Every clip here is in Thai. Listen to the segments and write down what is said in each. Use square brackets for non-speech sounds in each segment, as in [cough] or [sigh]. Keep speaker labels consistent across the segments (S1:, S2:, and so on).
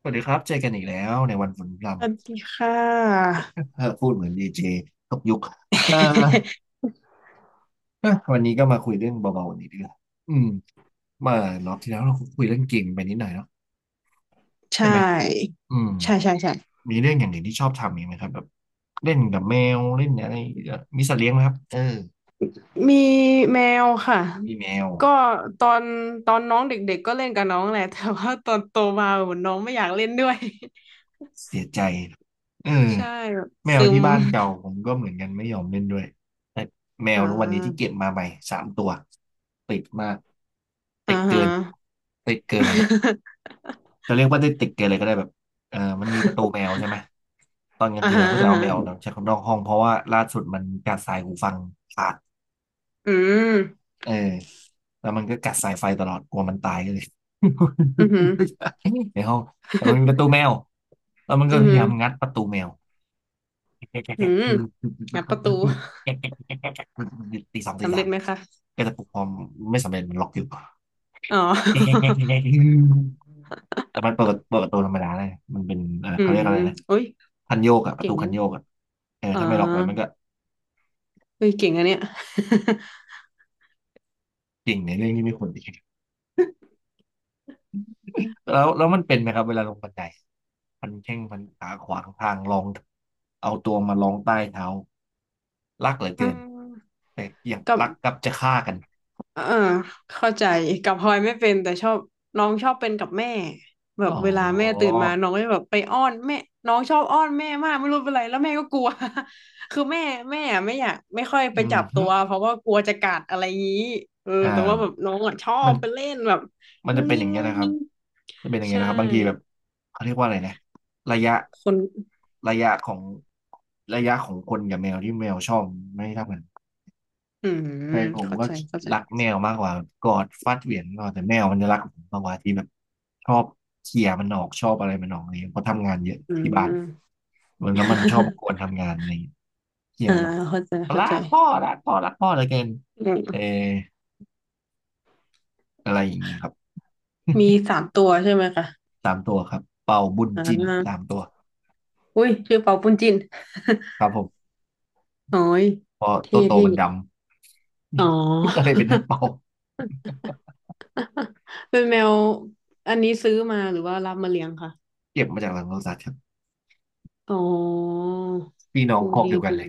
S1: สวัสดีครับเจอกันอีกแล้วในวันฝนพรำ
S2: สวัสดีค่ะ
S1: [laughs] เออพูดเหมือนดีเจตกยุคเอ่อ
S2: [laughs]
S1: [laughs] อะวันนี้ก็มาคุยเรื่องเบาๆนิดนึงอืมเมื่อรอบที่แล้วเราคุยเรื่องเกมไปนิดหน่อยเนาะ
S2: ใช
S1: ใช่ไหม
S2: ่
S1: อืม
S2: ใช่ใช่ใช่
S1: มีเรื่องอย่างอื่นที่ชอบทำอีกไหมครับแบบเล่นกับแมวเล่นอะไรอีกอะมีสัตว์เลี้ยงไหมครับเออ
S2: มีแมวค่ะ
S1: มีแมว
S2: ก็ตอนตอนน้องเด็กๆก็เล่นกับน้องแหละแต่ว่าตอนโตมาเหมือนน้องไม่อยากเล่นด้วย
S1: เสียใจเออ
S2: [laughs] ใช่แบบ
S1: แมว
S2: ซึ
S1: ที่
S2: ม
S1: บ้านเก่าผมก็เหมือนกันไม่ยอมเล่นด้วยแต่แม
S2: อ่
S1: วทุกวันนี้ที่
S2: า
S1: เก็บมาใหม่สามตัวติดมากติ
S2: อ่า
S1: ด
S2: ฮะ
S1: เกินติดเกิน จะเรียกว่าได้ติดกันเลยก็ได้แบบเออมันมีประตูแม
S2: [laughs]
S1: วใช่ไหมตอนกลาง
S2: อ่า
S1: คืน
S2: ฮะ
S1: เราก็จะ
S2: อ่า
S1: เอา
S2: ฮะ
S1: แมวเนาะใช้คนนอกห้องเพราะว่าล่าสุดมันกัดสายหูฟังขาด
S2: อืม
S1: เออแล้วมันก็กัดสายไฟตลอดกลัวมันตายก็เลย
S2: อือหือ
S1: [laughs] ในห้องแต่มันมีประตู
S2: [laughs]
S1: แมวแล้วมันก็
S2: อือ
S1: พ
S2: หื
S1: ยา
S2: อ
S1: ยามงัดประตูแมว
S2: อื
S1: [laughs]
S2: มงัดประตู
S1: ตีสองตี
S2: สำ
S1: สา
S2: เร็จ
S1: ม
S2: ไหมคะ
S1: ก็จะปลุกพร้อมไม่สำเร็จมันล็อกอยู่
S2: อ๋อ [laughs]
S1: แต่มันเปิดประตูธรรมดาเลยมันเป็น
S2: อื
S1: เขาเรีย
S2: ม
S1: กอะไรนะ
S2: โอ้ย
S1: คันโยกอะประ
S2: เก่ง
S1: ตู
S2: นะ
S1: คันโยกอะเออ
S2: อ่
S1: ถ้าไม่ล็อกไว้มันก็
S2: าเฮ้ยเก่งอันเนี้ย
S1: จริงในเรื่องที่ไม่ควรจะแล้วมันเป็นไหมครับเวลาลงบันไดพันแข้งพันขาขวางทางรองเอาตัวมารองใต้เท้ารักเหลือ
S2: [laughs] อื
S1: เกิน
S2: ม
S1: แต่อย่าง
S2: กับ
S1: รักกลับจะฆ่ากัน
S2: เออเข้าใจกับพลอยไม่เป็นแต่ชอบน้องชอบเป็นกับแม่แบ
S1: อ๋
S2: บ
S1: อ
S2: เวลาแม่ตื่นมาน้องก็จะแบบไปอ้อนแม่น้องชอบอ้อนแม่มากไม่รู้เป็นไรแล้วแม่ก็กลัว [laughs] คือแม่แม่อะไม่อยากไม่ค่อย
S1: อื
S2: ไป
S1: ม
S2: จับ
S1: ฮึ
S2: ตัวเพราะว่ากลัวจะกัดอะไรงี้
S1: อ้า
S2: แต่ว่า
S1: ว
S2: แบบน้องอ่ะชอ
S1: มั
S2: บ
S1: น
S2: ไปเล่นแบบ
S1: มัน
S2: งุ้
S1: จะ
S2: ง
S1: เป็นอ
S2: งิ้ง
S1: ย่างเงี้ย
S2: งุ้ง
S1: นะครับ
S2: งิ้ง
S1: จะเป็นอย่างเงี้ย
S2: ใช่
S1: นะครับบางทีแบบเขาเรียกว่าอะไรนะระยะ
S2: คน
S1: ระยะของระยะของคนกับแมวที่แมวชอบไม่เท่ากัน
S2: อื
S1: แฟ
S2: ม
S1: นผม
S2: เข้า
S1: ก็
S2: ใจเข้าใจ
S1: รักแมวมากกว่ากอดฟัดเหวี่ยงนอนแต่แมวมันจะรักผมมากกว่าที่แบบชอบเขี่ยมันออกชอบอะไรมันออกอะไรเงี้ยเพราะทำงานเยอะ
S2: อื
S1: ที่บ้าน
S2: ม
S1: เหมือนแล้วมันชอบกวน
S2: [laughs]
S1: ทำงานอะไรเงี้ยเขี่ย
S2: อ่า
S1: มันออก
S2: เข้าใจเข้า
S1: รั
S2: ใจ
S1: กพ่อรักพ่อรักพ่อเหลยเกิน
S2: อื
S1: เอ
S2: ม
S1: ออะไรอย่างงี้ครับ
S2: มีสามตัวใช่ไหมคะ
S1: สามตัวครับเป่าบุญ
S2: อ่
S1: จินสาม
S2: า
S1: ตัว
S2: อุ้ยชื่อเปาปุ้นจิน
S1: ครับผม
S2: โอ้ย
S1: เพอ
S2: เท่
S1: ตัวโต
S2: เท่
S1: มันดำ
S2: อ๋อ
S1: [laughs] ก็เลยเป็นท่านเป่า
S2: [laughs] เป็นแมวอันนี้ซื้อมาหรือว่ารับมาเลี้ยงคะ
S1: เก็บมาจากหลังโลสัตครับ
S2: อ๋อ
S1: พี่น้อง
S2: อู
S1: ครอบ
S2: ดี
S1: เดียวกัน
S2: ดี
S1: เลย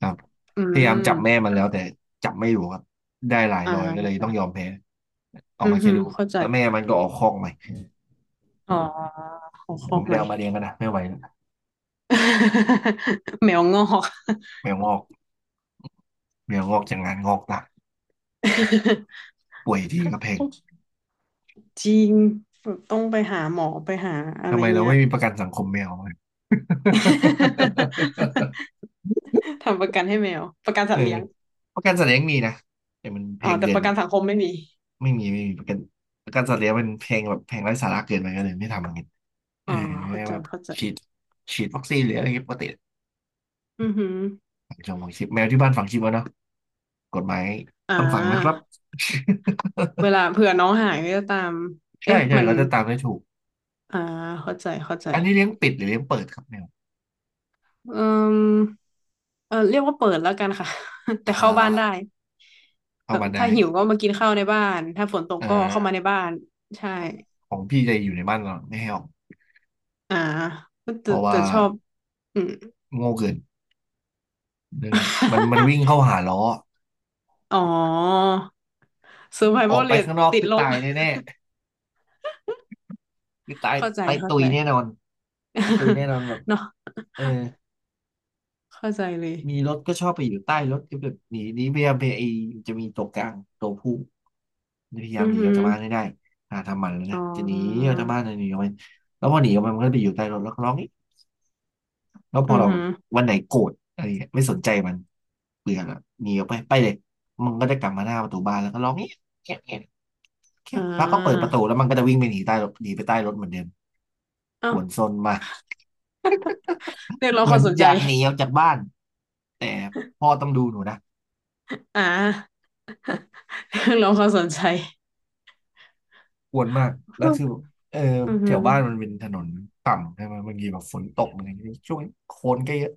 S1: ครับ
S2: อื
S1: พยายามจับแม่
S2: ม
S1: มันแล้วแต่จับไม่อยู่ครับได้หลายรอยก็เล
S2: อ่า
S1: ยต้องยอมแพ้ออ
S2: อื
S1: ก
S2: ม
S1: มาแค่
S2: ฮึ
S1: ลูก
S2: เข้าใจ
S1: แล้วแม่มันก็ออกคอกใหม่
S2: อ๋อขอค
S1: แต่
S2: อ
S1: ก็
S2: ก
S1: ไม่
S2: ให
S1: ได้
S2: ม่
S1: เอามาเลี้ยงกันนะไม่ไหวแล้ว
S2: [laughs] แมวงอก
S1: แมวงอกแมวงอกจากงานงอกตายป่วยทีก็แพง
S2: [laughs] จริงแบบต้องไปหาหมอไปหาอะไร
S1: ทำไมเรา
S2: เงี้ย
S1: ไม่มีประกันสังคมแมว [laughs] เลย
S2: [laughs]
S1: [laughs]
S2: ทำประกันให้แมวประกัน
S1: เอ
S2: สัต
S1: อ
S2: ว์เลี้ยง
S1: ประกันสัตว์เลี้ยงมีนะแต่มันแพ
S2: อ๋อ
S1: ง
S2: แต่
S1: เกิ
S2: ป
S1: น
S2: ระกัน
S1: อะ
S2: สังคมไม่มี
S1: ไม่มีไม่มีประกันประกันสัตว์เลี้ยงมันแพงแบบแพงไร้สาระเกินไปก็เลยไม่ทำอย่างเี้เอ
S2: อ๋
S1: อ
S2: อเข้าใจ
S1: แบบ
S2: เข้าใจ
S1: ฉีดวัคซีนหรืออะไรเงี้ยปกติ
S2: อือหือ
S1: ฝังชิปแมวที่บ้านฝังชิปแล้วเนาะกฎหมาย
S2: อ่
S1: ต้องฝังนะครับ
S2: าเวลาเผื่อน้องหายก็จะตาม
S1: [laughs] ใช่
S2: เอ๊ะ
S1: ใช่
S2: มัน
S1: เขาจะตามได้ถูก
S2: อ่าเข้าใจเข้าใจ
S1: อันนี้เลี้ยงปิดหรือเลี้ยงเปิดครับแมว
S2: อืมเรียกว่าเปิดแล้วกันค่ะ [laughs] แต่
S1: อ่
S2: เข้าบ้านได้
S1: าเข้า
S2: แบบ
S1: บ้านได้
S2: ถ้าหิวก็มากินข้าวในบ้าน ถ้าฝนตก
S1: เอ่
S2: ก็
S1: อ
S2: เข้ามาในบ้าน ใช่
S1: ของพี่จะอยู่ในบ้านเราไม่ให้ออก
S2: อ่า
S1: เพ
S2: แต่
S1: ราะ
S2: แต่
S1: ว่า
S2: ชอบอืม
S1: โง่เกินเรื่องนี้มันวิ่งเข้า
S2: [laughs]
S1: หาล้อ
S2: อ๋อ
S1: ออก
S2: survival
S1: ไป
S2: rate
S1: ข้างนอก
S2: ติด
S1: คือ
S2: ล
S1: ตา
S2: บ
S1: ยแน่ๆคือตาย
S2: เข้าใจ
S1: ตาย
S2: เข้า
S1: ตุย
S2: ใจ
S1: แน่นอนคือตุย
S2: [laughs]
S1: แน่นอนแบบ
S2: เนาะ
S1: เออ
S2: เข้าใจเลย
S1: มีรถก็ชอบไปอยู่ใต้รถก็แบบหนีหนีพยายามไปไอจะมีตัวกลางตัวผู้พยายา
S2: อื
S1: มห
S2: อ
S1: นีอ
S2: หื
S1: อก
S2: อ
S1: จากบ้านให้ได้หาทำมันแล้ว
S2: อ๋
S1: นะ
S2: อ
S1: จะหนีออกจากบ้านหนีออกไปแล้วพอหนีออกไปมันก็ไปอยู่ใต้รถแล้วก็ร้องอีกแล้วพอ
S2: อือ
S1: เรา
S2: หือ
S1: วันไหนโกรธอะไรเงี้ยไม่สนใจมันเบื่อละหนีออกไปไปเลยมันก็จะกลับมาหน้าประตูบ้านแล้วก็ร้องเงี้ยเงี้ยเงี้ยเงี้
S2: อ่
S1: ยแล้วก็เปิดประตู
S2: า
S1: แล้วมันก็จะวิ่งไปหนีใต้รถหนีไปใต้รถเหมือนเดิม
S2: เอ้า
S1: กวนซนมา
S2: เรียกร้อง
S1: เห
S2: ค
S1: มือ
S2: วา
S1: น
S2: มสน
S1: อ
S2: ใจ
S1: ยากหนีออกจากบ้านแต่พ่อต้องดูหนูนะ
S2: อ่าเรียกร้องความสนใจ
S1: กวนมากแล้วคือแบบเออ
S2: อือ
S1: แถ
S2: หือ
S1: วบ้านมันเป็นถนนต่ำใช่ไหมบางทีแบบฝนตกอะไรอย่างเงี้ยช่วงนี้โคลนก็เยอะ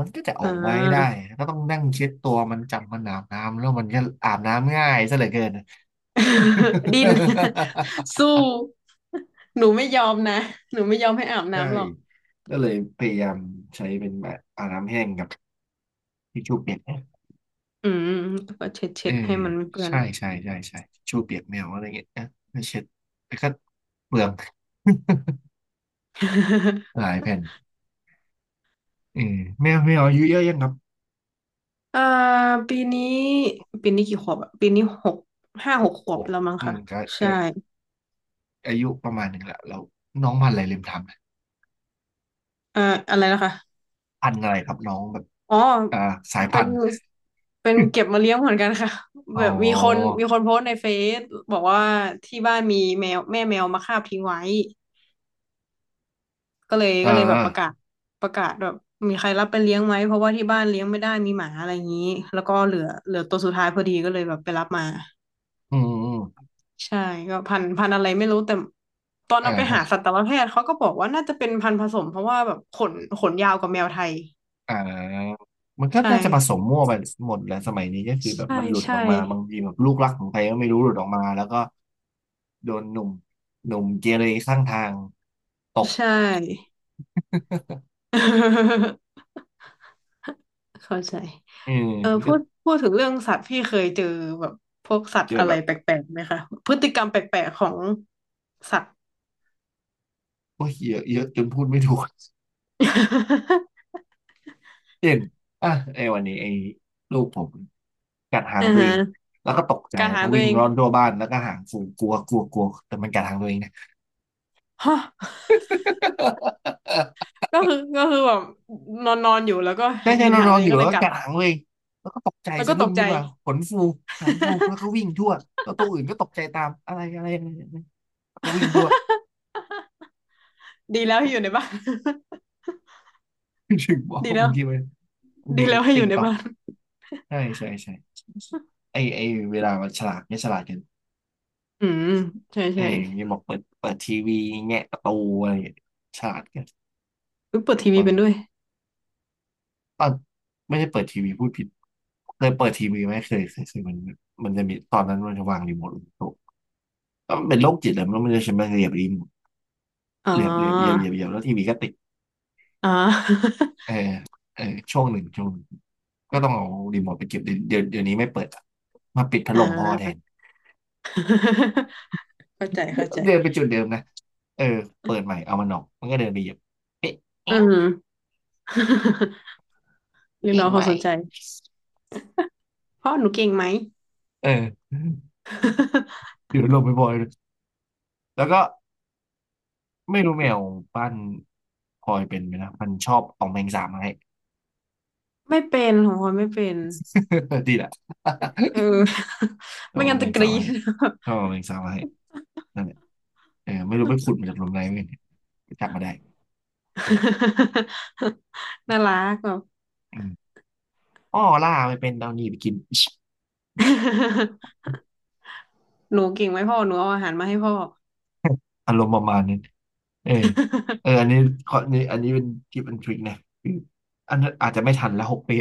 S1: มันก็จะอ
S2: อ่
S1: อกมาไม่ได้
S2: า
S1: ก็ต้องนั่งเช็ดตัวมันจับมันอาบน้ำแล้วมันก็อาบน้ำง่ายซะเหลือเกิน
S2: [laughs] ดิ้น [laughs]
S1: [laughs]
S2: สู้หนูไม่ยอมนะหนูไม่ยอมให้อาบ
S1: ใช่
S2: น้ำหรอก
S1: ก็เลยพยายามใช้เป็นแบบอาบน้ำแห้งกับทิชชู่เปียกนะ
S2: อืมแล้วก็เช็ด
S1: เอ
S2: เช็
S1: อ
S2: ดให้มันไม่เปื้อน
S1: ใช่ใช่ใช่ใช่ทิชชู่เปียกแมวอะไรเงี้ยนะไม่เช็ดแต่ก็เปลือง
S2: [laughs]
S1: [laughs] หลายแผ่นเออแมวอายุเยอะยังครับ
S2: อ่าปีนี้ปีนี้กี่ขวบอะปีนี้หกห้า
S1: ห
S2: หก
S1: ก
S2: ข
S1: ข
S2: วบ
S1: วบ
S2: แล้วมั้ง
S1: อื
S2: คะ
S1: มก็
S2: ใช่
S1: ก็ อายุประมาณหนึ่งแหละเราน้องพันธุ์อะไรลืมถามนะ
S2: เอ่ออะไรนะคะ
S1: พันธุ์อะไรครับน้องแบบ
S2: อ๋อ
S1: อ่าสาย
S2: เป็
S1: พั
S2: น
S1: นธุ์
S2: เป็นเก็บมาเลี้ยงเหมือนกันค่ะ
S1: [laughs]
S2: [laughs]
S1: อ๋อ
S2: แบบมีคนมีคนโพสต์ในเฟซบอกว่าที่บ้านมีแมวแม่แมวมาคาบทิ้งไว้ก็เลย
S1: เออ
S2: ก็เลยแบบประกาศประกาศแบบมีใครรับไปเลี้ยงไหมเพราะว่าที่บ้านเลี้ยงไม่ได้มีหมาอะไรอย่างนี้แล้วก็เหลือเหลือตัวสุดท้ายพอดีก็เลยแบบไปรับมา
S1: อืมอืม
S2: ใช่ก็พันธุ์พันธุ์อะไรไม่รู้แต่ตอน
S1: เอ่า
S2: เราไปหาสัตวแพทย์เขาก็บอกว่าน่าจะเป็นพันธุ์ผสมเพราะว่าแบบขนขนยาวกว่าแมวไทย
S1: อ่ามันก็
S2: ใช่
S1: น่าจะผสมมั่วไปหมดแหละสมัยนี้ก็คือแบบ
S2: ใช่
S1: มันหลุดอ
S2: ใช่
S1: อกมาบางทีแบบลูกรักของใครก็ไม่รู้หลุดออกมาแล้วก็โดนหนุ่มเกเรข้างทางตก
S2: ใช่
S1: [laughs]
S2: [laughs] เข้าใจ
S1: อืม
S2: พู
S1: ก็
S2: ดพูดถึงเรื่องสัตว์พี่เคยเจอแบบพวกสัต
S1: เจ
S2: ว์
S1: อ
S2: อะไร
S1: แบบ
S2: แปลกๆไหมคะพฤติกรรมแปลกๆของสัตว์
S1: โอ้ยเยอะเยอะจนพูดไม่ถูก เช่นอ่ะไอ้วันนี้ไอ้ลูกผมกัดหา
S2: [laughs]
S1: ง
S2: อ่า
S1: ตัว
S2: ฮะ
S1: เองแล้วก็ตกใจ
S2: การ
S1: แล้ว
S2: หา
S1: ก็
S2: ตัว
S1: วิ่ง
S2: เอง
S1: ร่อนทั่วบ้านแล้วก็หางฟูกลัวกลัวกลัวแต่มันกัดหางตัวเองนะ
S2: ฮะ
S1: [laughs]
S2: ก็คือก็คือแบบนอนนอนอยู่แล้วก็
S1: ใช่ใช่
S2: เห็น
S1: นอน
S2: หาง
S1: นอ
S2: ตั
S1: น
S2: วเอ
S1: อ
S2: ง
S1: ยู่
S2: ก็
S1: แล้
S2: เล
S1: ว
S2: ย
S1: ก็
S2: กัด
S1: กัดหางเลยแล้วก็ตกใจ
S2: แล้วก็
S1: สะ
S2: ต
S1: ดุ้ง
S2: กใจ
S1: ขึ้นมาขนฟูหางฟูแล้วก็วิ่งทั่วแล้วตัวอื่นก็ตกใจตามอะไรอะไรอะไรอะไรแล้วก็วิ่งทั่ว
S2: [laughs] ดีแล้วให้อยู่ในบ้าน
S1: [laughs] ถึงบอ
S2: [laughs] ดี
S1: ก
S2: แล้
S1: บา
S2: ว
S1: งทีมันบาง
S2: ดี
S1: ที
S2: แล้วให้อ
S1: ติง
S2: ยู่ใน
S1: ตอก
S2: บ้าน
S1: ใช่ใช่ใช่ไอ้เวลามันฉลาดเนี่ยฉลาดกัน
S2: อืมใช่
S1: ไอ้
S2: ใช่
S1: ยอย่างนี้บอกเปิดทีวีแงะประตูอะไรอย่างเงี้ยฉลาดกัน
S2: อุ๊ยเปิดทีวี
S1: บาง
S2: เป็นด้วย
S1: ตอนไม่ได้เปิดทีวีพูดผิดเคยเปิดทีวีไหมเคยมันจะมีตอนนั้นมันจะวางรีโมทลงโต๊ะก็มันเป็นโรคจิตแหละมันจะใช้มาเหยียบรีโมท
S2: อ๋
S1: เหยียบเหยียบเหยียบ
S2: อ
S1: เหยียบเหยียบแล้วทีวีก็ติด
S2: อ๋อ [laughs]
S1: เออเออช่วงหนึ่งก็ต้องเอารีโมทไปเก็บเดี๋ยวนี้ไม่เปิดอะมาปิดพัด
S2: อ๋
S1: ลมพ่อแทน
S2: อ เข้าใจเข้าใจ
S1: เดินไปจุดเดิมนะเออเปิดใหม่เอามันออกมันก็เดินไปเหยียบเอ๊ะ
S2: อื
S1: เอ๊ะ
S2: อหือ [laughs] เรีย
S1: จ
S2: ก
S1: ริ
S2: ร้
S1: ง
S2: องค
S1: ไหม
S2: วามสนใจเพราะหนูเก่งไหม
S1: เออ
S2: [laughs]
S1: เดี๋ยวลงไปบ่อยๆแล้วก็ไม่รู้แมวบ้านพลอยเป็นไหมนะมันชอบเอาแมงสาบมาให้
S2: ไม่เป็นของพลอยไม่เป็น
S1: [laughs] ดีแหละ
S2: เออ [laughs]
S1: [laughs] เรา
S2: ไม่
S1: เอา
S2: งั้น
S1: แม
S2: จะ
S1: ง
S2: ก
S1: สาบ
S2: รี๊
S1: มา
S2: ด
S1: ให้เขาเอาแมงสาบมาให้นั่นแหละเออไม่รู้ไปขุดมาจากหลุมไหนไม่รู้เนี่ยไปจับมาได้นั่นแหละ
S2: [laughs] น่ารักแบบ
S1: อืมอ้อล่าไปเป็นดาวนีไปกิน
S2: [laughs] หนูเก่งไหมพ่อหนูเอาอาหารมาให้พ่อ
S1: อารมณ์ประมาณนั้นเออเอออันนี้ขอนี่อันนี้เป็นทิปอันทริคนะคืออันนั้นอาจจะไม่ทันแล้วหกปี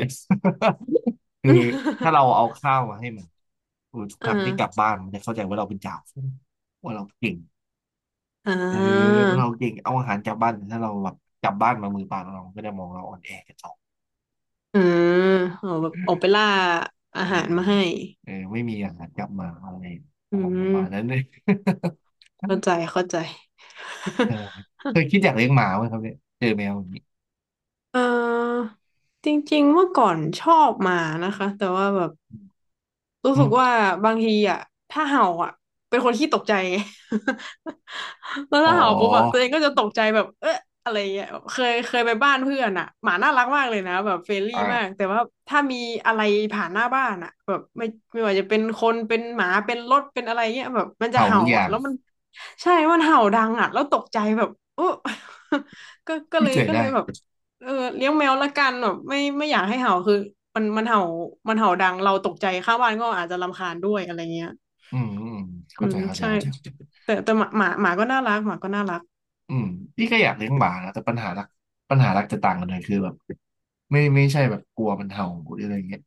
S1: [laughs] คือถ้าเราเอาข้าวมาให้มันทุก
S2: [laughs]
S1: ค
S2: อ่า
S1: รั้งที่กลับบ้านมันจะเข้าใจว่าเราเป็นจ่าฝูงว่าเราเก่ง
S2: อ่
S1: เออ
S2: า
S1: เราเก่งเอาอาหารจากบ้านถ้าเราแบบกลับบ้านมามือเปล่าเราก็จะมองเราอ่อนแอกัน
S2: อืมเอาแบบออกไปล่าอา
S1: เออ
S2: หารมาให้
S1: เออไม่มีอาหารกลับมาอะไรอา
S2: อื
S1: รมณ์ประ
S2: ม
S1: มาณนั้นเลย
S2: เข้า
S1: [laughs]
S2: ใจเข้าใจ
S1: เออเคย
S2: [laughs]
S1: คิดอยากเลี้ยงหมาไหมครับเนี่ยเจอแมวอย่างนี้
S2: เออจริงๆเมื่อก่อนชอบหมานะคะแต่ว่าแบบรู้
S1: อื
S2: สึ
S1: ม
S2: กว่าบางทีอ่ะถ้าเห่าอ่ะเป็นคนขี้ตกใจ [laughs] ไงแล้ว
S1: อ๋อ
S2: ถ้าเห่าปุ๊บแบบตัวเองก็จะตกใจแบบเอ๊ะอะไรเงี้ยเคยเคยไปบ้านเพื่อนอ่ะหมาน่ารักมากเลยนะแบบเฟรนลี่มาก
S1: อ่า
S2: แต่ว่าถ้ามีอะไรผ่านหน้าบ้านอ่ะแบบไม่ไม่ว่าจะเป็นคนเป็นหมาเป็นรถเป็นอะไรเงี้ยแบบมันจะ
S1: เห่า
S2: เห่า
S1: ทุกอย่า
S2: อ่ะ
S1: ง
S2: แล้วมันใช่มันเห่าดังอ่ะแล้วตกใจแบบโอ้ [laughs] ก็ก็เล
S1: เข้า
S2: ย
S1: ใจ
S2: ก็
S1: ได้
S2: เลยแบบ เลี้ยงแมวละกันแบบไม่ไม่อยากให้เห่าคือมันมันเห่ามันเห่าดังเราตกใจข้างบ้านก็อาจจะรำคาญด้วยอะไรเงี้ย
S1: อืมอืม
S2: อื
S1: เข้าใจ
S2: ม
S1: เข้าใจ
S2: ใช่
S1: เข้าใจเข้าใจ
S2: แต่แต่หมาหมาหมาก็น่ารักหมาก็น่ารัก
S1: อืมพี่ก็อยากเลี้ยงหมานะแต่ปัญหาหลักจะต่างกันเลยคือแบบไม่ใช่แบบกลัวมันเห่าหรืออะไรเงี้ย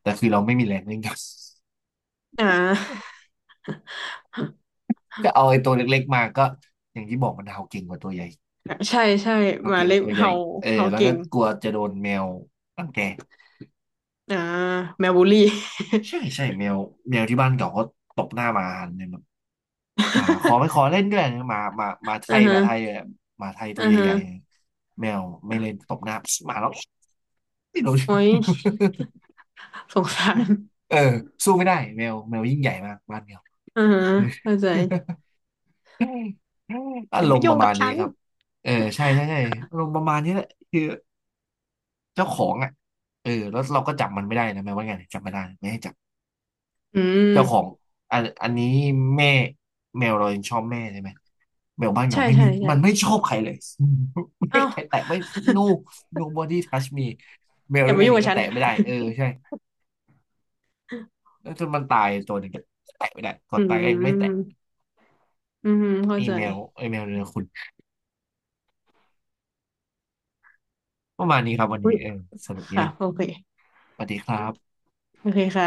S1: แต่คือเราไม่มีแรงเลี้ยงครับ
S2: อ่า
S1: [laughs] จะเอาไอ้ตัวเล็กๆมาก็อย่างที่บอกมันเห่าเก่งกว่าตัวใหญ่
S2: [laughs] ใช่ใช่
S1: เห่า
S2: หมา
S1: เก่งก
S2: เล็
S1: ว่า
S2: ก
S1: ตัวใหญ่
S2: เห่า
S1: เออ
S2: เห่า
S1: แล้ว
S2: เก่
S1: ก็
S2: ง
S1: กลัวจะโดนแมวรังแก
S2: อ่าแมวบูลลี่
S1: ใช่ใช่แมวแมวที่บ้านเก่าก็ตบหน้ามาหันเนี่ยแบบหมาขอไม่ขอเล่นด้วยนะหมาหมาหมา
S2: [laughs]
S1: ไท
S2: อ่า
S1: ยห
S2: ฮะ
S1: มาไทยอะหมาไทยตั
S2: อ่า
S1: ว
S2: ฮะ
S1: ใหญ่ๆแมวไม่เล่นตบหน้าหมาแล้วไม่รู้
S2: โอ้ยสงสาร
S1: [laughs] เออสู้ไม่ได้แมวแมวยิ่งใหญ่มากบ้านเดียว
S2: อ่าฮะ
S1: เออ
S2: เข้าใจ
S1: [laughs] อา
S2: อย่า
S1: ร
S2: มา
S1: มณ์ป
S2: ยุ่ง
S1: ระมา
S2: กับ
S1: ณนี้
S2: ฉัน
S1: ครับเออใช่ใช่ใช่อารมณ์ประมาณนี้แหละคือเจ้าของอ่ะเออแล้วเราก็จับมันไม่ได้นะแมวว่าไงจับไม่ได้ไม่ให้จับ
S2: อื
S1: เจ้าของ
S2: ม
S1: อันนี้แม่แมวเรายังชอบแม่ใช่ไหมแมวบ้านเรา
S2: ใช่
S1: ไม่
S2: ใช่
S1: มี
S2: ใช่
S1: ไม่ชอบใครเลย [laughs] ไม่
S2: อ้าว
S1: ใครแตะไม่ no nobody touch me แมว
S2: อ
S1: ด้
S2: ย่า
S1: วย
S2: มา
S1: กัน
S2: ยุ่
S1: เอ
S2: ง
S1: ง
S2: กับ
S1: ก็
S2: ฉัน
S1: แตะไม่ได้เออใช่แล้วจนมันตายตัวหนึ่งก็แตะไม่ได้ก่อ
S2: อื
S1: นตายก็ยังไม่แตะ
S2: มอืมเข้า
S1: ไอ
S2: ใจ
S1: แมวไอแมวเรือคุณประมาณนี้ครับวัน
S2: อุ๊
S1: นี้
S2: ย
S1: เออสนุกดี
S2: ค่ะ
S1: นะ
S2: โอเค
S1: สวัสดีครับ
S2: โอเคค่ะ